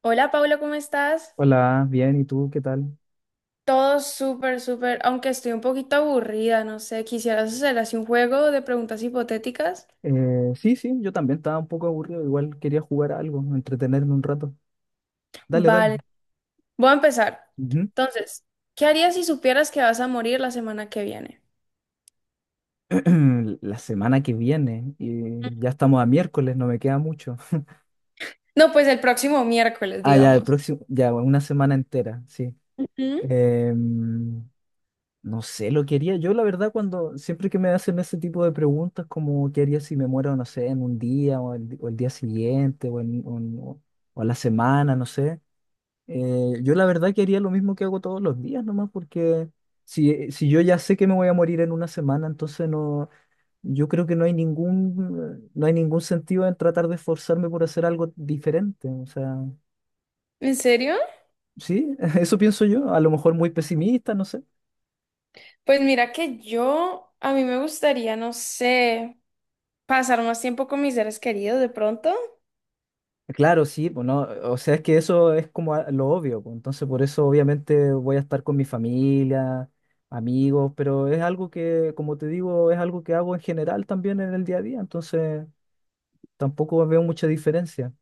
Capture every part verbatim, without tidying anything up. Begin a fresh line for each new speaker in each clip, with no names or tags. Hola Paula, ¿cómo estás?
Hola, bien, ¿y tú qué tal?
Todo súper, súper, aunque estoy un poquito aburrida, no sé, quisieras hacer así un juego de preguntas hipotéticas.
Eh, sí, sí, yo también estaba un poco aburrido, igual quería jugar a algo, entretenerme un rato. Dale, dale.
Vale, voy a empezar.
Ujú.
Entonces, ¿qué harías si supieras que vas a morir la semana que viene?
La semana que viene, y ya estamos a miércoles, no me queda mucho.
No, pues el próximo miércoles,
Ah, ya, el
digamos.
próximo, ya, una semana entera, sí.
¿Mm?
Em, no sé, lo quería yo, la verdad, cuando siempre que me hacen ese tipo de preguntas, como qué haría si me muero, no sé, en un día o el, o el día siguiente o, en, o en- o a la semana, no sé. Eh, yo la verdad que haría lo mismo que hago todos los días nomás, porque si, eh, si yo ya sé que me voy a morir en una semana, entonces no, yo creo que no hay ningún, no hay ningún sentido en tratar de esforzarme por hacer algo diferente. O sea,
¿En serio?
sí, eso pienso yo, a lo mejor muy pesimista, no sé.
Pues mira que yo, a mí me gustaría, no sé, pasar más tiempo con mis seres queridos de pronto.
Claro, sí, pues no, o sea, es que eso es como a- lo obvio, pues, entonces por eso obviamente voy a estar con mi familia, amigos, pero es algo que, como te digo, es algo que hago en general también en el día a día, entonces tampoco veo mucha diferencia.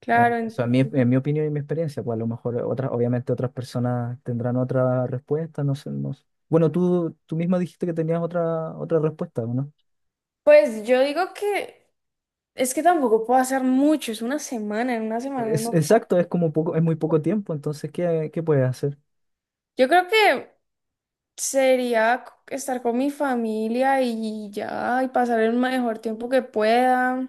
Claro,
En- O
en-
sea, en mi, en mi opinión y mi experiencia, pues a lo mejor otras, obviamente otras personas tendrán otra respuesta, no sé, no sé. Bueno, tú, tú misma dijiste que tenías otra, otra respuesta, ¿o ¿no?
pues yo digo que es que tampoco puedo hacer mucho, es una semana, en una semana
Es,
no.
exacto, es como poco, es muy poco tiempo, entonces, ¿qué, ¿qué puedes hacer?
Yo creo que sería c- estar con mi familia y ya, y pasar el mejor tiempo que pueda.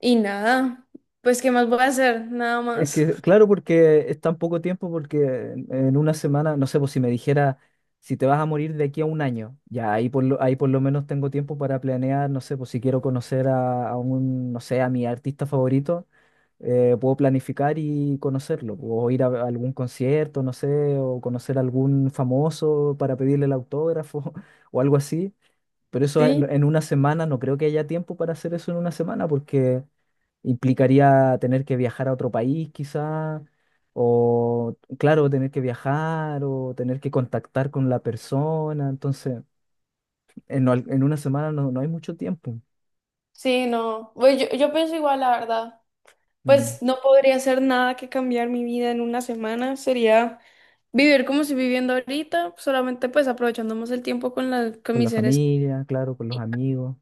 Y nada, pues ¿qué más voy a hacer? Nada
Es
más.
que, claro, porque es tan poco tiempo, porque en, en una semana, no sé, pues si me dijera, si te vas a morir de aquí a un año, ya ahí por lo, ahí por lo menos tengo tiempo para planear, no sé, pues si quiero conocer a, a un, no sé, a mi artista favorito, eh, puedo planificar y conocerlo, o ir a a algún concierto, no sé, o conocer a algún famoso para pedirle el autógrafo o algo así. Pero eso en,
Sí.
en una semana, no creo que haya tiempo para hacer eso en una semana, porque implicaría tener que viajar a otro país quizá, o claro, tener que viajar o tener que contactar con la persona. Entonces, en, al- en una semana no, no hay mucho tiempo.
Sí, no. Pues yo, yo pienso igual, la verdad.
Mm.
Pues no podría hacer nada que cambiar mi vida en una semana. Sería vivir como estoy viviendo ahorita, solamente pues aprovechando más el tiempo con, la, con
Con
mis
la
seres.
familia, claro, con los amigos.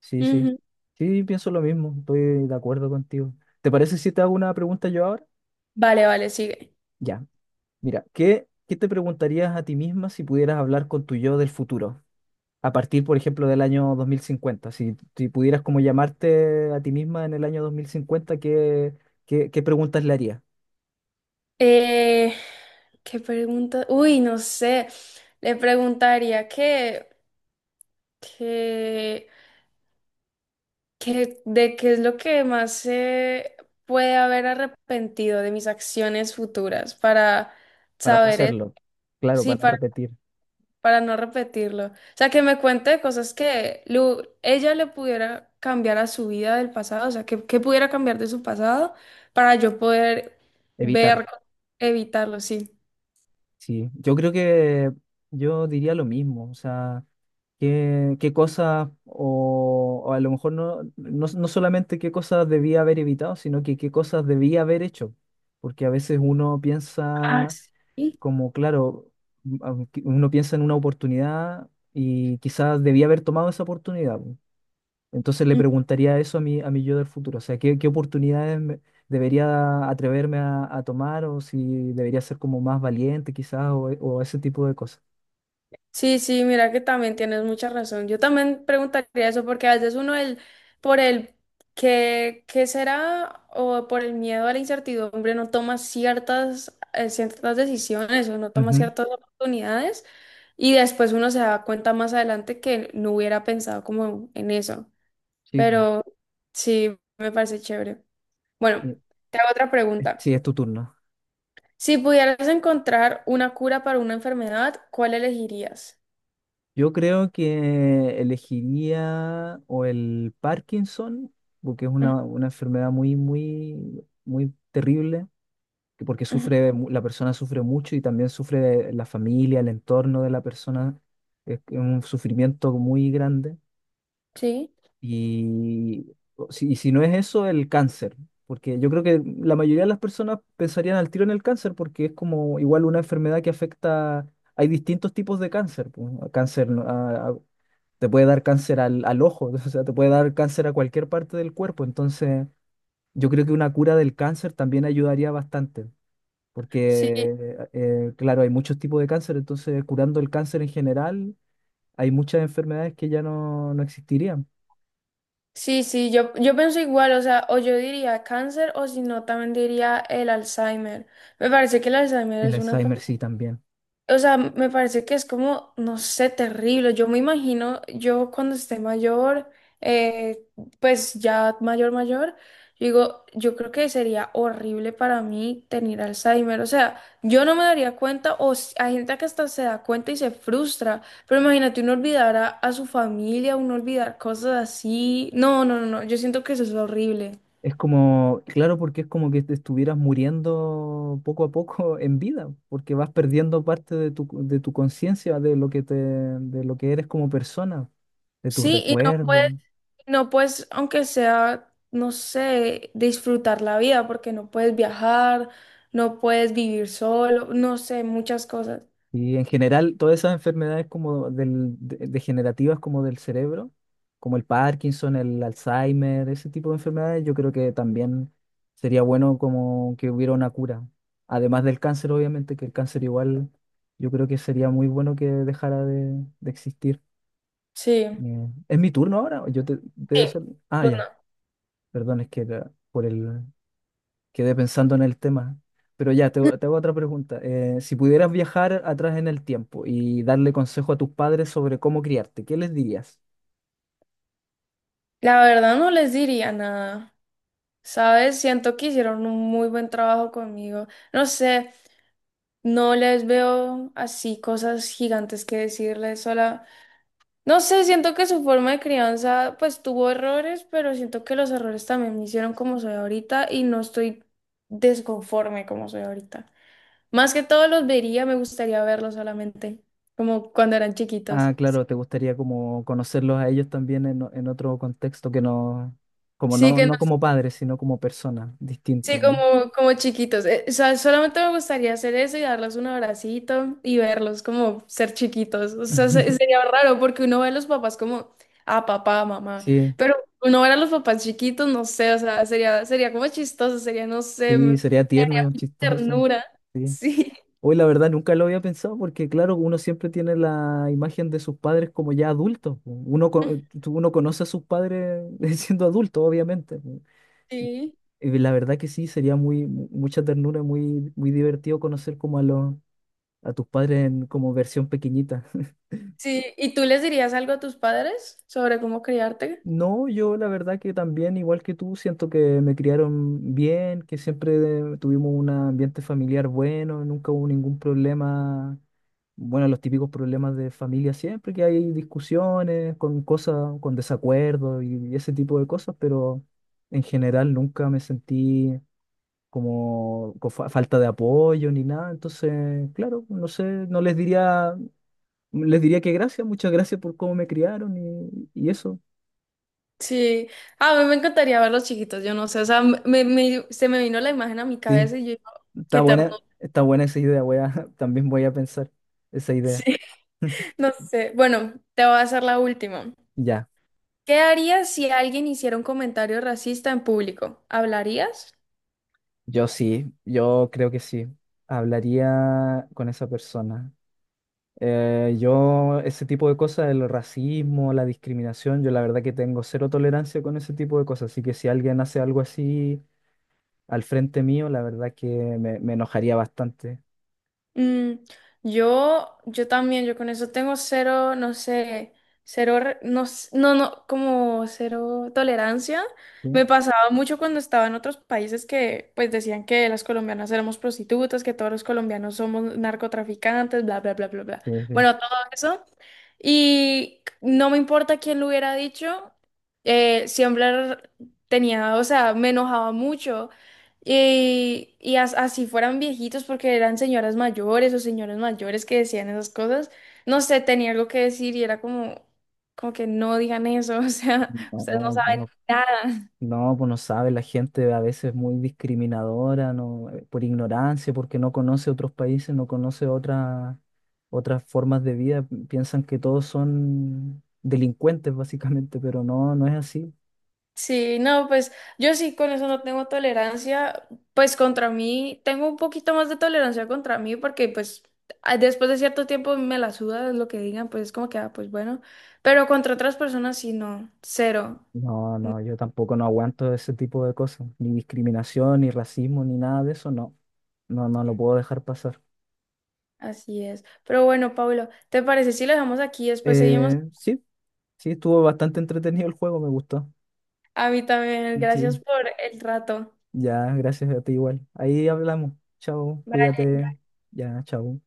Sí, sí.
Ujú.
Sí, pienso lo mismo, estoy de acuerdo contigo. ¿Te parece si te hago una pregunta yo ahora?
Vale, vale, sigue.
Ya. Mira, ¿qué, ¿qué te preguntarías a ti misma si pudieras hablar con tu yo del futuro? A partir, por ejemplo, del año dos mil cincuenta. Si, si pudieras como llamarte a ti misma en el año dos mil cincuenta, ¿qué, qué, ¿qué preguntas le harías?
Eh, ¿qué pregunta? Uy, no sé. Le preguntaría que, que, que de qué es lo que más se puede haber arrepentido de mis acciones futuras para
Para no
saber, e-
hacerlo. Claro,
sí,
para no
para,
repetir,
para no repetirlo. O sea, que me cuente cosas que lu- ella le pudiera cambiar a su vida del pasado, o sea, que, que pudiera cambiar de su pasado para yo poder
evitarlo.
ver, evitarlo, sí.
Sí, yo creo que yo diría lo mismo. O sea, qué, qué cosas, o, o a lo mejor no, no, no solamente qué cosas debía haber evitado, sino que qué cosas debía haber hecho. Porque a veces uno
Ah,
piensa
sí.
como, claro, m- aunque uno piensa en una oportunidad y quizás debía haber tomado esa oportunidad, po. Entonces le preguntaría eso a mi, a mi yo del futuro. O sea, ¿qué, ¿qué oportunidades me- debería atreverme a, a tomar o si debería ser como más valiente quizás o, o ese tipo de cosas?
Sí, sí, mira que también tienes mucha razón. Yo también preguntaría eso porque a veces uno el, por el que, qué será o por el miedo a la incertidumbre no toma ciertas, eh, ciertas decisiones o no toma
Ujú.
ciertas oportunidades y después uno se da cuenta más adelante que no hubiera pensado como en eso.
Sí, po.
Pero sí, me parece chévere. Bueno,
Eh,
te hago otra pregunta.
Sí, es tu turno.
Si pudieras encontrar una cura para una enfermedad, ¿cuál elegirías?
Yo creo que elegiría o el Parkinson, porque es
Ujú,
una, una enfermedad muy, muy, muy terrible, que porque
ujú,
sufre, mu- la persona sufre mucho y también sufre la familia, el entorno de la persona. Es que es un sufrimiento muy grande.
sí.
Y o si, y si no es eso, el cáncer, porque yo creo que la mayoría de las personas pensarían al tiro en el cáncer, porque es como igual una enfermedad que afecta, hay distintos tipos de cáncer, pues, cáncer, ¿no? Te puede dar cáncer al, al ojo, o sea, te puede dar cáncer a cualquier parte del cuerpo. Entonces, yo creo que una cura del cáncer también ayudaría bastante,
Sí,
porque, eh, claro, hay muchos tipos de cáncer, entonces curando el cáncer en general, hay muchas enfermedades que ya no, no existirían.
sí, sí, yo, yo pienso igual, o sea, o yo diría cáncer o si no, también diría el Alzheimer. Me parece que el Alzheimer
El
es una
Alzheimer
enfermedad.
sí también.
O sea, me parece que es como, no sé, terrible. Yo me imagino, yo cuando esté mayor, eh, pues ya mayor, mayor, yo digo, yo creo que sería horrible para mí tener Alzheimer. O sea, yo no me daría cuenta, o s- hay gente que hasta se da cuenta y se frustra, pero imagínate uno olvidar a, a su familia, uno olvidar cosas así. No, no, no, no, yo siento que eso es horrible.
Es como, claro, porque es como que te estuvieras muriendo poco a poco en vida, porque vas perdiendo parte de tu, de tu conciencia, de lo que te, de lo que eres como persona, de tus
Sí, y no puede.
recuerdos.
No, pues, aunque sea, no sé, disfrutar la vida, porque no puedes viajar, no puedes vivir solo, no sé, muchas cosas.
Y en general, todas esas enfermedades como del, de- degenerativas como del cerebro, como el Parkinson, el Alzheimer, ese tipo de enfermedades, yo creo que también sería bueno como que hubiera una cura. Además del cáncer, obviamente, que el cáncer igual, yo creo que sería muy bueno que dejara de, de existir.
Sí.
Eh, ¿es mi turno ahora? Yo te, te
Sí,
doy- Ah,
pues
ya,
no.
perdón, es que era por el, Quedé pensando en el tema. Pero ya, te, te hago otra pregunta. Eh, si pudieras viajar atrás en el tiempo y darle consejo a tus padres sobre cómo criarte, ¿qué les dirías?
La verdad no les diría nada. ¿Sabes? Siento que hicieron un muy buen trabajo conmigo. No sé, no les veo así cosas gigantes que decirles. Solo, no sé, siento que su forma de crianza pues tuvo errores, pero siento que los errores también me hicieron como soy ahorita y no estoy desconforme como soy ahorita. Más que todo los vería, me gustaría verlos solamente, como cuando eran chiquitos.
Ah, claro, te gustaría como conocerlos a ellos también en, en otro contexto que no, como
Sí
no,
que
no como padres, sino como personas,
sí,
distinto, ¿no?
como, como chiquitos. Eh, o sea, solamente me gustaría hacer eso y darles un abracito y verlos como ser chiquitos. O sea, se- sería raro porque uno ve a los papás como, ah, papá, mamá.
Sí,
Pero uno ver a los papás chiquitos, no sé, o sea, sería, sería como chistoso, sería, no sé, me-
sí,
me
sería tierno
daría
y chistoso.
ternura.
Sí.
Sí,
Hoy la verdad nunca lo había pensado porque claro, uno siempre tiene la imagen de sus padres como ya adultos, po. Uno, co- uno conoce a sus padres siendo adultos, obviamente, po. Y,
sí,
y la verdad que sí, sería muy, mu- mucha ternura, muy, muy divertido conocer como a los, a tus padres en como versión pequeñita.
sí. ¿Y tú les dirías algo a tus padres sobre cómo criarte?
No, yo la verdad que también, igual que tú, siento que me criaron bien, que siempre tuvimos un ambiente familiar bueno, nunca hubo ningún problema, bueno, los típicos problemas de familia siempre, que hay discusiones con cosas, con desacuerdos y ese tipo de cosas, pero en general nunca me sentí como con fa- falta de apoyo ni nada, entonces, claro, no sé, no les diría, les diría que gracias, muchas gracias por cómo me criaron y, y eso,
Sí, a mí me encantaría verlos chiquitos, yo no sé, o sea, me, me- se me vino la imagen a mi
sí.
cabeza y yo, qué
Está buena,
ternura.
está buena esa idea, voy a, también voy a pensar esa idea.
Sí. No sé. Bueno, te voy a hacer la última.
Ya,
¿Qué harías si alguien hiciera un comentario racista en público? ¿Hablarías?
yo sí, yo creo que sí. Hablaría con esa persona. Eh, yo, ese tipo de cosas, el racismo, la discriminación, yo la verdad que tengo cero tolerancia con ese tipo de cosas. Así que si alguien hace algo así al frente mío, la verdad que me, me enojaría bastante.
Mm, yo, yo también, yo con eso tengo cero, no sé, cero, re- no, s- no, no, como cero tolerancia.
Sí,
Me pasaba mucho cuando estaba en otros países que pues decían que las colombianas éramos prostitutas, que todos los colombianos somos narcotraficantes, bla, bla, bla, bla, bla.
sí, sí.
Bueno, todo eso. Y no me importa quién lo hubiera dicho, eh, siempre tenía, o sea, me enojaba mucho y, y as- así fueran viejitos, porque eran señoras mayores o señores mayores que decían esas cosas, no sé, tenía algo que decir y era como, como que no digan eso, o sea, ustedes no
No,
saben
no.
nada.
No, pues no sabe, la gente a veces es muy discriminadora, no, eh, por ignorancia, porque no conoce otros países, no conoce otras otras formas de vida, pi- piensan que todos son delincuentes básicamente, pero no, no es así.
Sí, no, pues yo sí con eso no tengo tolerancia, pues contra mí, tengo un poquito más de tolerancia contra mí, porque pues a- después de cierto tiempo me la suda lo que digan, pues es como que, ah, pues bueno, pero contra otras personas sí, no, cero.
No, no, yo tampoco no aguanto ese tipo de cosas, ni discriminación, ni racismo, ni nada de eso, no, no, no lo puedo dejar pasar.
Así es. Pero bueno, Pablo, ¿te parece si lo dejamos aquí? Y después seguimos.
Eh, sí, sí, estuvo bastante entretenido el juego, me gustó.
A mí también. Gracias
Sí.
por el rato.
Ya, gracias a ti igual. Ahí hablamos. Chao,
Vale,
cuídate. Ya, chao.